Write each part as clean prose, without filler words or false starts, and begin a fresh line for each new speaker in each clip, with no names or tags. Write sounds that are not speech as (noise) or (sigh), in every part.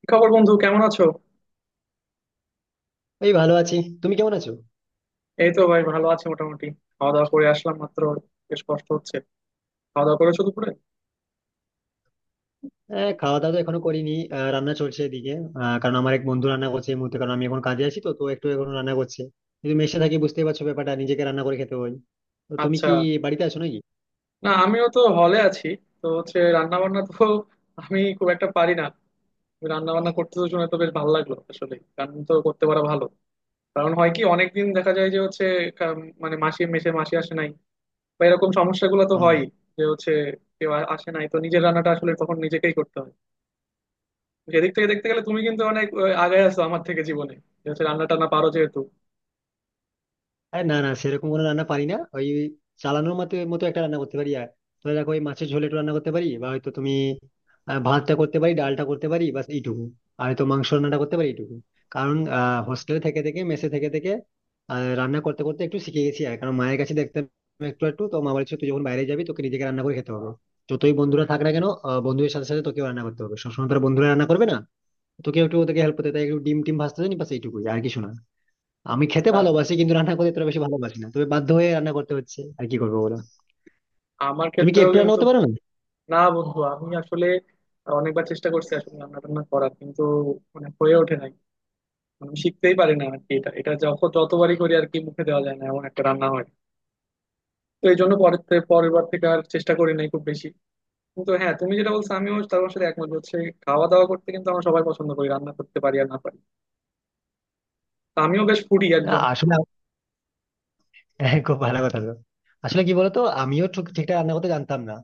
কি খবর, বন্ধু? কেমন আছো?
এই ভালো আছি। তুমি কেমন আছো?
এই তো ভাই, ভালো আছি মোটামুটি। খাওয়া দাওয়া করে আসলাম মাত্র। বেশ কষ্ট হচ্ছে। খাওয়া দাওয়া করেছো দুপুরে?
হ্যাঁ, খাওয়া দাওয়া তো এখনো করিনি, রান্না চলছে এদিকে। কারণ আমার এক বন্ধু রান্না করছে এই মুহূর্তে, কারণ আমি এখন কাজে আছি তো তো একটু এখন রান্না করছে। কিন্তু মেসে থাকি, বুঝতেই পারছো ব্যাপারটা, নিজেকে রান্না করে খেতে হয়। তো তুমি
আচ্ছা।
কি বাড়িতে আছো নাকি?
না, আমিও তো হলে আছি। তো হচ্ছে রান্না বান্না তো। (laughs) আমি খুব একটা পারি না রান্না বান্না করতে। তো শুনে তো বেশ ভালো লাগলো, আসলে রান্না তো করতে পারা ভালো। কারণ হয় কি, অনেকদিন দেখা যায় যে হচ্ছে মানে মেসে মাসি আসে নাই বা এরকম সমস্যাগুলো তো
হুম।
হয়, যে হচ্ছে কেউ আসে নাই, তো নিজের রান্নাটা আসলে তখন নিজেকেই করতে হয়। সেদিক থেকে দেখতে গেলে তুমি কিন্তু অনেক আগায় আছো আমার থেকে জীবনে, যে হচ্ছে রান্না টান্না পারো যেহেতু।
আরে না না, সেরকম কোনো রান্না পারি না, ওই চালানোর মতো মতো একটা রান্না করতে পারি আর, ধরে রাখো, ওই মাছের ঝোল একটু রান্না করতে পারি, বা হয়তো তুমি, ভাতটা করতে পারি, ডালটা করতে পারি, বাস এইটুকু। আর হয়তো মাংস রান্নাটা করতে পারি এইটুকু। কারণ হোস্টেলে থেকে থেকে, মেসে থেকে থেকে, আহ, রান্না করতে করতে একটু শিখে গেছি আর, কারণ মায়ের কাছে দেখতাম একটু একটু। তো মা বলছে, তুই যখন বাইরে যাবি, তোকে নিজেকে রান্না করে খেতে হবে, যতই বন্ধুরা থাক না কেন, বন্ধুদের সাথে সাথে তোকেও রান্না করতে হবে, সবসময় তোর বন্ধুরা রান্না করবে না, তোকে একটু ওদেরকে হেল্প করতে হয়। তাই একটু ডিম টিম ভাজতে জানি, বাস এইটুকুই, আর কিছু না। আমি খেতে
হ্যাঁ,
ভালোবাসি কিন্তু রান্না করতে এতটা বেশি ভালোবাসি না, তবে বাধ্য হয়ে রান্না করতে হচ্ছে, আর কি করবো বলো।
আমার
তুমি কি
ক্ষেত্রেও
একটু রান্না
কিন্তু।
করতে পারো না?
না বন্ধু, আমি আসলে অনেকবার চেষ্টা করছি আসলে রান্না টান্না করার, কিন্তু মানে হয়ে ওঠে নাই। মানে আমি শিখতেই পারি না আর কি। এটা এটা যখন যতবারই করি আর কি, মুখে দেওয়া যায় না এমন একটা রান্না হয়। তো এই জন্য পরের বার থেকে আর চেষ্টা করি নাই খুব বেশি। কিন্তু হ্যাঁ, তুমি যেটা বলছো আমিও তার সাথে একমত। হচ্ছে খাওয়া দাওয়া করতে কিন্তু আমরা সবাই পছন্দ করি, রান্না করতে পারি আর না পারি। তো আমিও বেশ ফুডি
না,
একজন।
আসলে (laughs) হ্যাঁ, খুব ভালো কথা তো। আসলে কি বলতো, আমিও ঠিকঠাক রান্না করতে জানতাম না,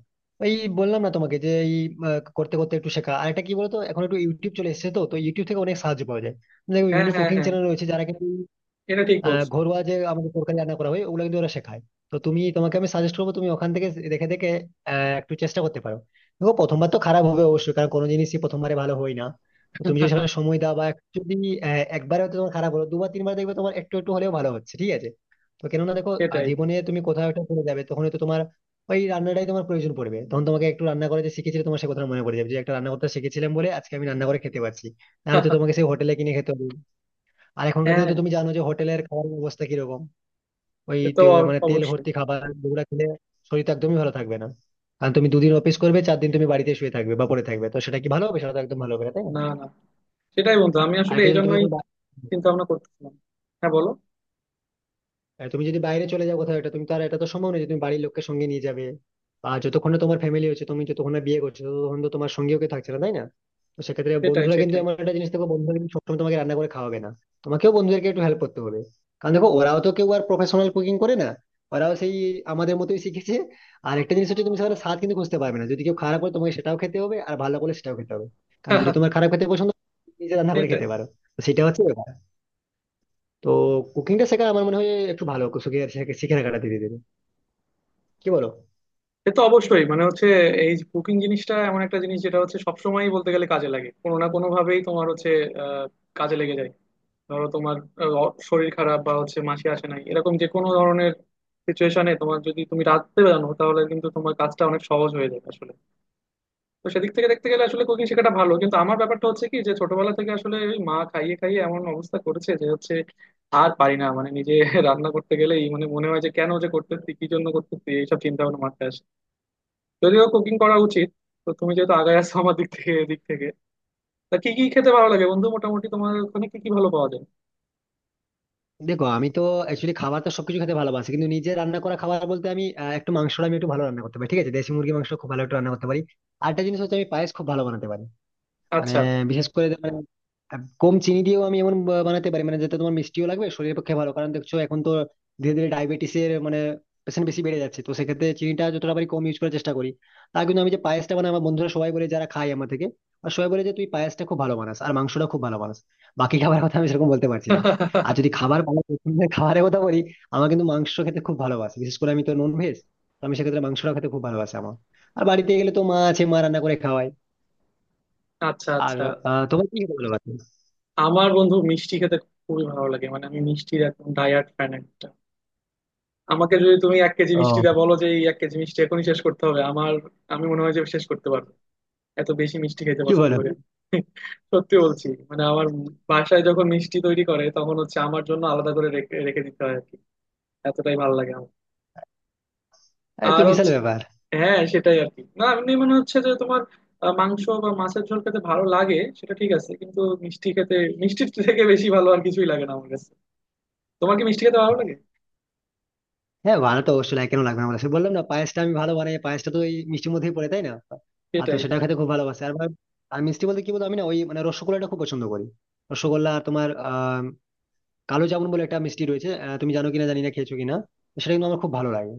ওই বললাম না তোমাকে যে এই করতে করতে একটু শেখা। আর এটা কি বলতো, এখন একটু ইউটিউব চলে এসেছে, তো তো ইউটিউব থেকে অনেক সাহায্য পাওয়া যায়। দেখো,
হ্যাঁ,
বিভিন্ন
হ্যাঁ,
কুকিং
হ্যাঁ।
চ্যানেল রয়েছে যারা কিন্তু
এটা ঠিক বলছো।
ঘরোয়া যে আমাদের তরকারি রান্না করা হয়, ওগুলো কিন্তু ওরা শেখায়। তো তুমি, তোমাকে আমি সাজেস্ট করবো, তুমি ওখান থেকে দেখে দেখে একটু চেষ্টা করতে পারো। দেখো, প্রথমবার তো খারাপ হবে অবশ্যই, কারণ কোনো জিনিসই প্রথমবারে ভালো হয় না। তো তুমি যদি সেখানে সময় দাও, বা একটু যদি, একবারে হয়তো তোমার খারাপ হলো, দুবার তিনবার দেখবে তোমার একটু একটু হলেও ভালো হচ্ছে, ঠিক আছে? তো কেননা দেখো,
সেটাই।
জীবনে তুমি কোথাও একটা চলে যাবে, তখন হয়তো তোমার ওই রান্নাটাই তোমার প্রয়োজন পড়বে, তখন তোমাকে একটু রান্না করে যে শিখেছিলে তোমার সে কথা মনে পড়ে যাবে, যে একটা রান্না করতে শিখেছিলাম বলে আজকে আমি রান্না করে খেতে পারছি। নাহলে তো
(laughs)
তোমাকে সেই হোটেলে কিনে খেতে হবে। আর এখনকার দিনে
হ্যাঁ,
তো তুমি জানো যে হোটেলের খাবারের অবস্থা কিরকম। ওই
সে তো
মানে তেল
অবশ্যই।
ভর্তি খাবার, যেগুলো খেলে শরীর তো একদমই ভালো থাকবে না। কারণ তুমি দুদিন অফিস করবে, চার দিন তুমি বাড়িতে শুয়ে থাকবে বা পড়ে থাকবে, তো সেটা কি ভালো হবে? সেটা তো একদম ভালো হবে না, তাই না?
না, না। সেটাই বন্ধু, আমি
আর
আসলে
এটা
এই
জন্য তুমি
জন্যই
এখন
চিন্তা ভাবনা করতেছিলাম। হ্যাঁ, বলো।
আর তুমি যদি বাইরে চলে যাও কোথাও, এটা তুমি তো আর, এটা তো সম্ভব নয় যে তুমি বাড়ির লোককে সঙ্গে নিয়ে যাবে। আর যতক্ষণ না তোমার ফ্যামিলি হচ্ছে, তুমি যতক্ষণ না বিয়ে করছো, ততক্ষণ তো তোমার সঙ্গেও কেউ থাকছে না, তাই না? তো সেক্ষেত্রে
সেটাই,
বন্ধুরা কিন্তু
সেটাই।
এমন একটা জিনিস, দেখো বন্ধুরা কিন্তু সবসময় তোমাকে রান্না করে খাওয়াবে না, তোমাকেও বন্ধুদেরকে একটু হেল্প করতে হবে। কারণ দেখো, ওরাও তো কেউ আর প্রফেশনাল কুকিং করে না, ওরাও সেই আমাদের মতোই শিখেছে। আর একটা জিনিস হচ্ছে, তুমি সেখানে স্বাদ কিন্তু খুঁজতে পারবে না, যদি কেউ খারাপ করে তোমাকে সেটাও খেতে হবে আর ভালো করে সেটাও খেতে হবে। কারণ যদি তোমার
(laughs)
খারাপ খেতে পছন্দ, নিজে রান্না করে
সেটাই।
খেতে পারো, তো সেটা হচ্ছে ব্যাপার। তো কুকিংটা শেখা আমার মনে হয় একটু ভালো, শিখে শিখে রাখাটা ধীরে ধীরে, কি বলো?
সে তো অবশ্যই। মানে হচ্ছে এই কুকিং জিনিসটা এমন একটা জিনিস যেটা হচ্ছে সবসময়ই বলতে গেলে কাজে লাগে, কোনো না কোনো ভাবেই তোমার হচ্ছে আহ, কাজে লেগে যায়। ধরো তোমার শরীর খারাপ বা হচ্ছে মাসি আসে নাই, এরকম যে কোনো ধরনের সিচুয়েশনে তোমার যদি তুমি রাঁধতে জানো তাহলে কিন্তু তোমার কাজটা অনেক সহজ হয়ে যায় আসলে। তো সেদিক থেকে দেখতে গেলে আসলে কুকিং শেখাটা ভালো, কিন্তু আমার ব্যাপারটা হচ্ছে কি, যে ছোটবেলা থেকে আসলে ওই মা খাইয়ে খাইয়ে এমন অবস্থা করেছে যে হচ্ছে আর পারি না। মানে নিজে (laughs) রান্না করতে গেলেই মানে মনে হয় যে, কেন যে করতেছি কি জন্য করতেছি, এইসব চিন্তা ভাবনা মাথায় আসে। যদিও কুকিং করা উচিত। তো তুমি যেহেতু আগায় আছো আমার দিক থেকে এদিক থেকে, তা কি কি খেতে ভালো লাগে বন্ধু মোটামুটি? তোমার ওখানে কি কি ভালো পাওয়া যায়?
দেখো, আমি তো অ্যাকচুয়ালি খাবার তো সবকিছু খেতে ভালোবাসি, কিন্তু নিজে রান্না করা খাবার বলতে আমি, একটু মাংসটা আমি একটু ভালো রান্না করতে পারি, ঠিক আছে? দেশি মুরগি মাংস খুব ভালো একটু রান্না করতে পারি। আর একটা জিনিস হচ্ছে, আমি পায়েস খুব ভালো বানাতে পারি। মানে
আচ্ছা।
বিশেষ করে যে মানে, কম চিনি দিয়েও আমি এমন বানাতে পারি মানে, যাতে তোমার মিষ্টিও লাগবে, শরীরের পক্ষে ভালো। কারণ দেখছো এখন তো ধীরে ধীরে ডায়াবেটিসের মানে পেশেন্ট বেশি বেড়ে যাচ্ছে, তো সেক্ষেত্রে চিনিটা যতটা পারি কম ইউজ করার চেষ্টা করি। তা কিন্তু আমি যে পায়েসটা বানাই, আমার বন্ধুরা সবাই বলে যারা খায় আমার থেকে, আর সবাই বলে যে তুই পায়েসটা খুব ভালো বানাস আর মাংসটা খুব ভালো বানাস, বাকি খাবার কথা আমি সেরকম বলতে পারছি না। আর
(laughs)
যদি খাবার, ভালো পছন্দের খাবারের কথা বলি, আমার কিন্তু মাংস খেতে খুব ভালোবাসে, বিশেষ করে আমি তো নন ভেজ। তো আমি সেক্ষেত্রে মাংসটা খেতে খুব ভালোবাসে আমার। আর বাড়িতে গেলে তো মা আছে, মা রান্না করে খাওয়ায়।
আচ্ছা,
আর
আচ্ছা।
তোমার কি খেতে ভালো লাগে?
আমার বন্ধু মিষ্টি খেতে খুবই ভালো লাগে। মানে আমি মিষ্টির একদম ডায়াট ফ্যান একটা। আমাকে যদি তুমি এক কেজি মিষ্টি
ও,
দা বলো যে, এই এক কেজি মিষ্টি এখনই শেষ করতে হবে, আমার আমি মনে হয় যে শেষ করতে পারবো। এত বেশি মিষ্টি খেতে
কি
পছন্দ
বলো,
করি আমি। (laughs) সত্যি বলছি। মানে আমার বাসায় যখন মিষ্টি তৈরি করে তখন হচ্ছে আমার জন্য আলাদা করে রেখে রেখে দিতে হয় আর কি। এতটাই ভালো লাগে আমার।
আরে তো
আর
বিশাল
হচ্ছে,
ব্যাপার।
হ্যাঁ, সেটাই আর কি। না এমনি মনে হচ্ছে যে তোমার মাংস বা মাছের ঝোল খেতে ভালো লাগে সেটা ঠিক আছে, কিন্তু মিষ্টি খেতে, মিষ্টির (laughs) থেকে বেশি ভালো আর কিছুই লাগে না আমার কাছে। তোমার কি মিষ্টি খেতে ভালো লাগে?
হ্যাঁ, বানাতে অবশ্যই লাগে, কেন লাগবে না বলো, সে বললাম না, পায়েসটা আমি ভালো বানাই, পায়েসটা তো ওই মিষ্টির মধ্যেই পড়ে, তাই না? আর তো
সেটাই।
সেটা খেতে খুব ভালোবাসে আর আর মিষ্টি বলতে কি বলতো, আমি না ওই মানে রসগোল্লাটা খুব পছন্দ করি। রসগোল্লা আর তোমার কালো জামুন বলে একটা মিষ্টি রয়েছে, তুমি জানো কিনা জানি না, খেয়েছো কিনা, তো সেটা কিন্তু আমার খুব ভালো লাগে।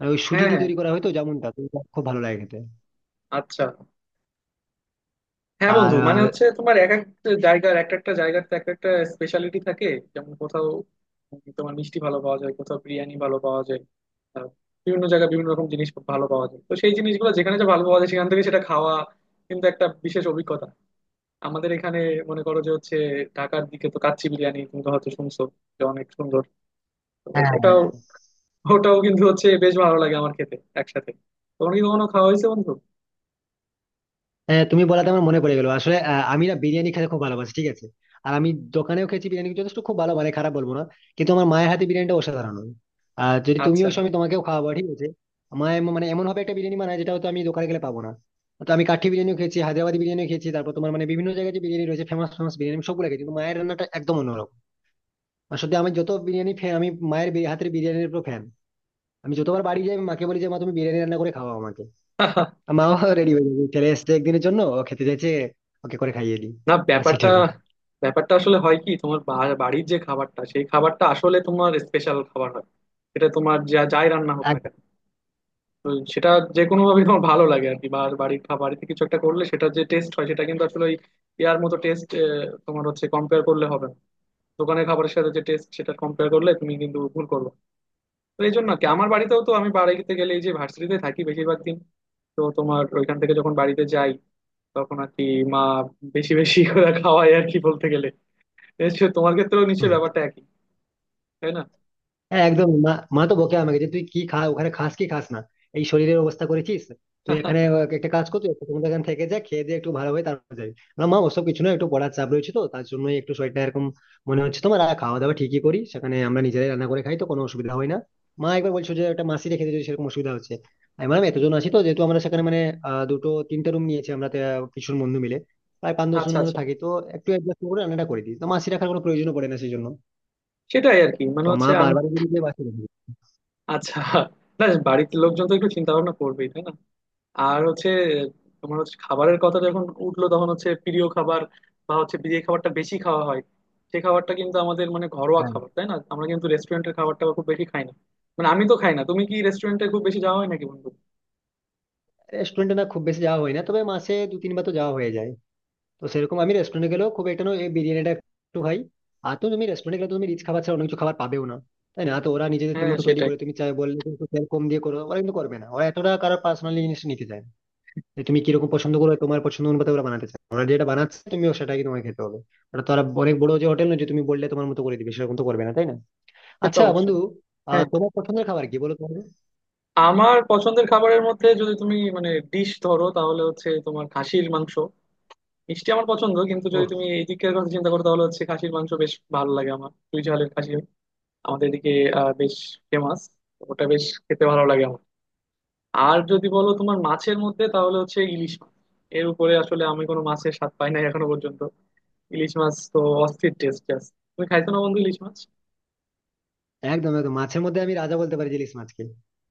আর ওই সুজি
হ্যাঁ,
দিয়ে
হ্যাঁ।
তৈরি করা হয় তো জামুনটা, তো ওটা খুব ভালো লাগে খেতে।
আচ্ছা। হ্যাঁ বন্ধু, মানে
আর
হচ্ছে তোমার এক এক জায়গার, এক একটা জায়গার তো এক একটা স্পেশালিটি থাকে। যেমন কোথাও তোমার মিষ্টি ভালো পাওয়া যায়, কোথাও বিরিয়ানি ভালো পাওয়া যায়। আহ, বিভিন্ন জায়গায় বিভিন্ন রকম জিনিস ভালো পাওয়া যায়। তো সেই জিনিসগুলো যেখানে যে ভালো পাওয়া যায় সেখান থেকে সেটা খাওয়া কিন্তু একটা বিশেষ অভিজ্ঞতা। আমাদের এখানে মনে করো যে হচ্ছে ঢাকার দিকে তো কাচ্চি বিরিয়ানি, তুমি তো হয়তো শুনছো যে অনেক সুন্দর। তো
আহ,
ওটাও
হ্যাঁ,
ওটাও কিন্তু হচ্ছে বেশ ভালো লাগে আমার খেতে একসাথে। তোমার কি কখনো খাওয়া হয়েছে বন্ধু?
হ্যাঁ, তুমি বলাতে আমার মনে পড়ে গেলো আসলে, আমি না বিরিয়ানি খেতে খুব ভালোবাসি, ঠিক আছে? আর আমি দোকানেও খেয়েছি বিরিয়ানি, যথেষ্ট খুব ভালো মানে, খারাপ বলবো না। কিন্তু আমার মায়ের হাতে বিরিয়ানিটা অসাধারণ হয়। আর যদি তুমিও
আচ্ছা।
এসো, আমি তোমাকেও খাওয়াবো, ঠিক আছে? মায়ের মানে এমন ভাবে একটা বিরিয়ানি বানায়, যেটা হয়তো আমি দোকানে গেলে পাবো না। তো আমি কাঠি বিরিয়ানিও খেয়েছি, হায়দ্রাবাদি বিরিয়ানিও খেয়েছি, তারপর তোমার মানে বিভিন্ন জায়গায় যে বিরিয়ানি রয়েছে, ফেমাস ফেমাস বিরিয়ানি আমি সবগুলো খেয়েছি, কিন্তু মায়ের রান্নাটা একদম অন্যরকম। আসলে আমি যত বিরিয়ানি ফ্যান, আমি মায়ের হাতের বিরিয়ানির উপর ফ্যান। আমি যতবার বাড়ি যাই, আমি মাকে বলি যে মা, তুমি বিরিয়ানি রান্না করে খাওয়াও আমাকে। মাও রেডি (laughs) হয়ে যাবে, চলে এসছে একদিনের জন্য, ও খেতে চাইছে, ওকে করে খাইয়ে দিই,
না,
বাস
ব্যাপারটা
এটুকু।
ব্যাপারটা আসলে হয় কি, তোমার বাড়ির যে খাবারটা সেই খাবারটা আসলে তোমার স্পেশাল খাবার হয়। সেটা তোমার যা যাই রান্না হোক না
আর-
কেন, তো সেটা যে কোনো ভাবে তোমার ভালো লাগে আর কি। বা বাড়ির খাবার থেকে কিছু একটা করলে সেটা যে টেস্ট হয় সেটা কিন্তু আসলে ওই ইয়ার মতো টেস্ট। তোমার হচ্ছে কম্পেয়ার করলে হবে না। দোকানের খাবারের সাথে যে টেস্ট সেটা কম্পেয়ার করলে তুমি কিন্তু ভুল করবে। তো এই জন্য আর কি, আমার বাড়িতেও তো, আমি বাড়িতে গেলে, এই যে ভার্সিটিতে থাকি বেশিরভাগ দিন, তো তোমার ওইখান থেকে যখন বাড়িতে যাই তখন আর কি মা বেশি বেশি করে খাওয়ায় আর কি বলতে গেলে। নিশ্চয়ই তোমার ক্ষেত্রেও
হুম।
নিশ্চয়ই ব্যাপারটা একই, তাই না?
হ্যাঁ, একদম। মা মা তো বকে আমাকে, যে তুই কি খা ওখানে, খাস কি খাস না, এই শরীরের অবস্থা করেছিস। তুই এখানে একটা কাজ কর, তুই একটু এখানে থেকে যা, খেয়ে দিয়ে একটু ভালো হয়ে তারপর যাবি। না মা, ওসব কিছু না, একটু পড়ার চাপ রয়েছে, তো তার জন্যই একটু শরীরটা এরকম মনে হচ্ছে তোমার। আর খাওয়া দাওয়া ঠিকই করি, সেখানে আমরা নিজেরাই রান্না করে খাই, তো কোনো অসুবিধা হয় না। মা একবার বলছো যে একটা মাসি রেখে দিয়ে, সেরকম অসুবিধা হচ্ছে। আমি বললাম, এতজন আছি তো যেহেতু আমরা সেখানে মানে, দুটো তিনটে রুম নিয়েছি আমরা, ভীষণ বন্ধু মিলে প্রায় পাঁচ দশ
আচ্ছা,
জনের মতো
আচ্ছা।
থাকি তো। একটু অ্যাডজাস্ট করে রান্নাটা করে দিই, তো মাসি রাখার কোনো প্রয়োজন পড়ে না সেই জন্য।
সেটাই আর কি, মানে
তো মা
হচ্ছে আমি।
বারবার বলি যে বাসি রেখে দিই।
আচ্ছা। না, বাড়িতে লোকজন তো একটু চিন্তা ভাবনা করবেই, তাই না? আর হচ্ছে তোমার হচ্ছে খাবারের কথা যখন উঠলো তখন হচ্ছে প্রিয় খাবার বা হচ্ছে যে খাবারটা বেশি খাওয়া হয়, সে খাবারটা কিন্তু আমাদের মানে ঘরোয়া খাবার, তাই না? আমরা কিন্তু রেস্টুরেন্টের খাবারটা খুব বেশি খাই না, মানে আমি তো খাই না। তুমি কি রেস্টুরেন্টে খুব বেশি যাওয়া হয় নাকি বন্ধু?
রেস্টুরেন্টে না, খুব বেশি যাওয়া হয় না, তবে মাসে দু তিনবার তো যাওয়া হয়ে যায়। তো সেরকম আমি রেস্টুরেন্টে গেলেও খুব একটা নয়, এই বিরিয়ানিটা একটু খাই। আর তো তুমি রেস্টুরেন্টে গেলে তো তুমি রিচ খাবার ছাড়া অন্য কিছু খাবার পাবেও না, তাই না? তো ওরা নিজেদের
হ্যাঁ,
মতো তৈরি
সেটাই।
করে, তুমি চাই বললে কিন্তু তেল কম দিয়ে করো, ওরা কিন্তু করবে না, ওরা এতটা কারোর পার্সোনালি জিনিস নিতে চায় না। যে তুমি কিরকম পছন্দ করো, তোমার পছন্দ অনুপাতে ওরা বানাতে চায়, ওরা যেটা বানাচ্ছে তুমিও সেটাকে, তোমাকে খেতে হবে। ওটা তো আর অনেক বড় যে হোটেল না, যে তুমি বললে তোমার মতো করে দিবে, সেরকম তো করবে না, তাই না?
সে তো
আচ্ছা বন্ধু,
অবশ্যই। হ্যাঁ,
তোমার পছন্দের খাবার কি বলো তোমার?
আমার পছন্দের খাবারের মধ্যে যদি তুমি মানে ডিশ ধরো তাহলে হচ্ছে তোমার খাসির মাংস। মিষ্টি আমার পছন্দ, কিন্তু যদি তুমি এই দিকের কথা চিন্তা করো তাহলে হচ্ছে খাসির মাংস বেশ ভালো লাগে আমার। দুই ঝালের খাসি আমাদের এদিকে বেশ ফেমাস। ওটা বেশ খেতে ভালো লাগে আমার। আর যদি বলো তোমার মাছের মধ্যে তাহলে হচ্ছে ইলিশ মাছ। এর উপরে আসলে আমি কোনো মাছের স্বাদ পাই নাই এখনো পর্যন্ত। ইলিশ মাছ তো অস্থির টেস্ট জাস্ট। তুমি খাইছো না বন্ধু ইলিশ মাছ?
একদম, একদম। মাছের মধ্যে আমি রাজা বলতে পারি যে ইলিশ মাছকে।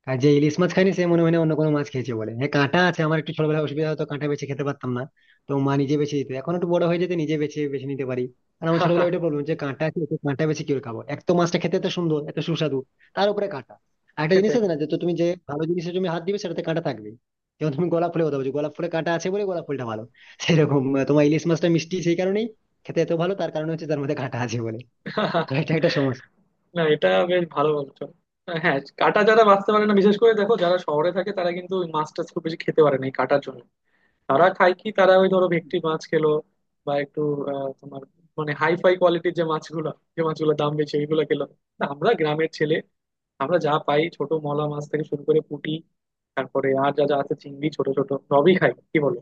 আর যে ইলিশ মাছ খাইনি, সে মনে হয় না অন্য কোনো মাছ খেয়েছে বলে। হ্যাঁ, কাঁটা আছে, আমার একটু ছোটবেলায় অসুবিধা হতো, কাঁটা বেছে খেতে পারতাম না। তো মা নিজে বেছে দিত, এখন একটু বড় হয়ে যেতে নিজে বেছে বেছে নিতে পারি। আর আমার ছোটবেলায় ওইটা
(laughs)
প্রবলেম যে কাঁটা আছে, তো কাঁটা বেছে কি করে খাবো, এক তো মাছটা খেতে এত সুন্দর এত সুস্বাদু, তার উপরে কাঁটা। আর একটা জিনিস
সেটাই।
আছে না, যে তো তুমি যে ভালো জিনিসে তুমি হাত দিবে, সেটাতে কাঁটা থাকবে। যেমন তুমি গোলাপ ফুলের কথা বলছো, গোলাপ ফুলে কাঁটা আছে বলে গোলাপ ফুলটা ভালো। সেরকম তোমার ইলিশ মাছটা মিষ্টি সেই কারণেই খেতে এত ভালো, তার কারণে হচ্ছে তার মধ্যে কাঁটা আছে বলে। তো এটা একটা সমস্যা।
না, এটা বেশ ভালো বলছো। হ্যাঁ, কাঁটা যারা বাঁচতে পারে না, বিশেষ করে দেখো যারা শহরে থাকে, তারা কিন্তু ওই মাছটা খুব বেশি খেতে পারে না এই কাঁটার জন্য। তারা খায় কি, তারা ওই ধরো ভেটকি মাছ খেলো বা একটু তোমার মানে হাইফাই কোয়ালিটির যে মাছগুলো, যে মাছগুলোর দাম বেশি, এইগুলো খেলো। তা আমরা গ্রামের ছেলে, আমরা যা পাই ছোট মলা মাছ থেকে শুরু করে পুঁটি, তারপরে আর যা যা আছে চিংড়ি ছোট ছোট সবই খাই, কি বলো।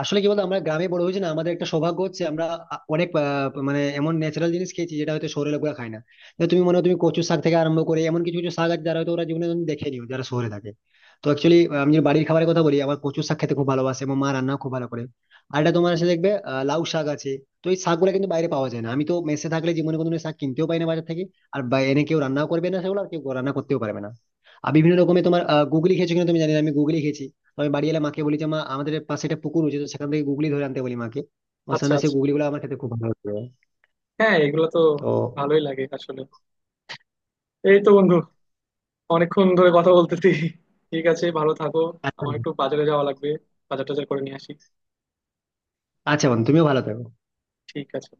আসলে কি বলতো, আমরা গ্রামে বড় হয়েছি না, আমাদের একটা সৌভাগ্য হচ্ছে আমরা অনেক মানে এমন ন্যাচারাল জিনিস খেয়েছি, যেটা হয়তো শহরের লোকরা খায় না। তো তুমি মনে হয়, তুমি কচু শাক থেকে আরম্ভ করে এমন কিছু কিছু শাক আছে, যারা হয়তো ওরা জীবনে দেখে নিও, যারা শহরে থাকে। তো অ্যাকচুয়ালি আমি যদি বাড়ির খাবারের কথা বলি, আমার কচু শাক খেতে খুব ভালোবাসে, এবং মা রান্না খুব ভালো করে। আর এটা তোমার সাথে দেখবে, লাউ শাক আছে। তো এই শাকগুলো কিন্তু বাইরে পাওয়া যায় না, আমি তো মেসে থাকলে জীবনে কোনো দিন শাক কিনতেও পাই না বাজার থেকে। আর এনে কেউ রান্নাও করবে না সেগুলো, আর কেউ রান্না করতেও পারবে না। আর বিভিন্ন রকমের তোমার গুগলি খেয়েছো কিনা তুমি জানি না, আমি গুগলি খেয়েছি। তো আমি বাড়ি এলে মাকে বলি যে মা, আমাদের পাশে একটা পুকুর রয়েছে, তো সেখান থেকে গুগলি ধরে আনতে বলি মাকে। আমার
আচ্ছা,
সঙ্গে সেই
আচ্ছা।
গুগলি গুলো আমার খেতে খুব ভালো লাগে।
হ্যাঁ, এগুলো তো
তো
ভালোই লাগে আসলে। এই তো বন্ধু, অনেকক্ষণ ধরে কথা বলতেছি। ঠিক আছে, ভালো থাকো।
আচ্ছা,
আমার একটু বাজারে যাওয়া লাগবে। বাজার টাজার করে নিয়ে আসি।
আচ্ছা বোন, তুমিও ভালো থাকো।
ঠিক আছে।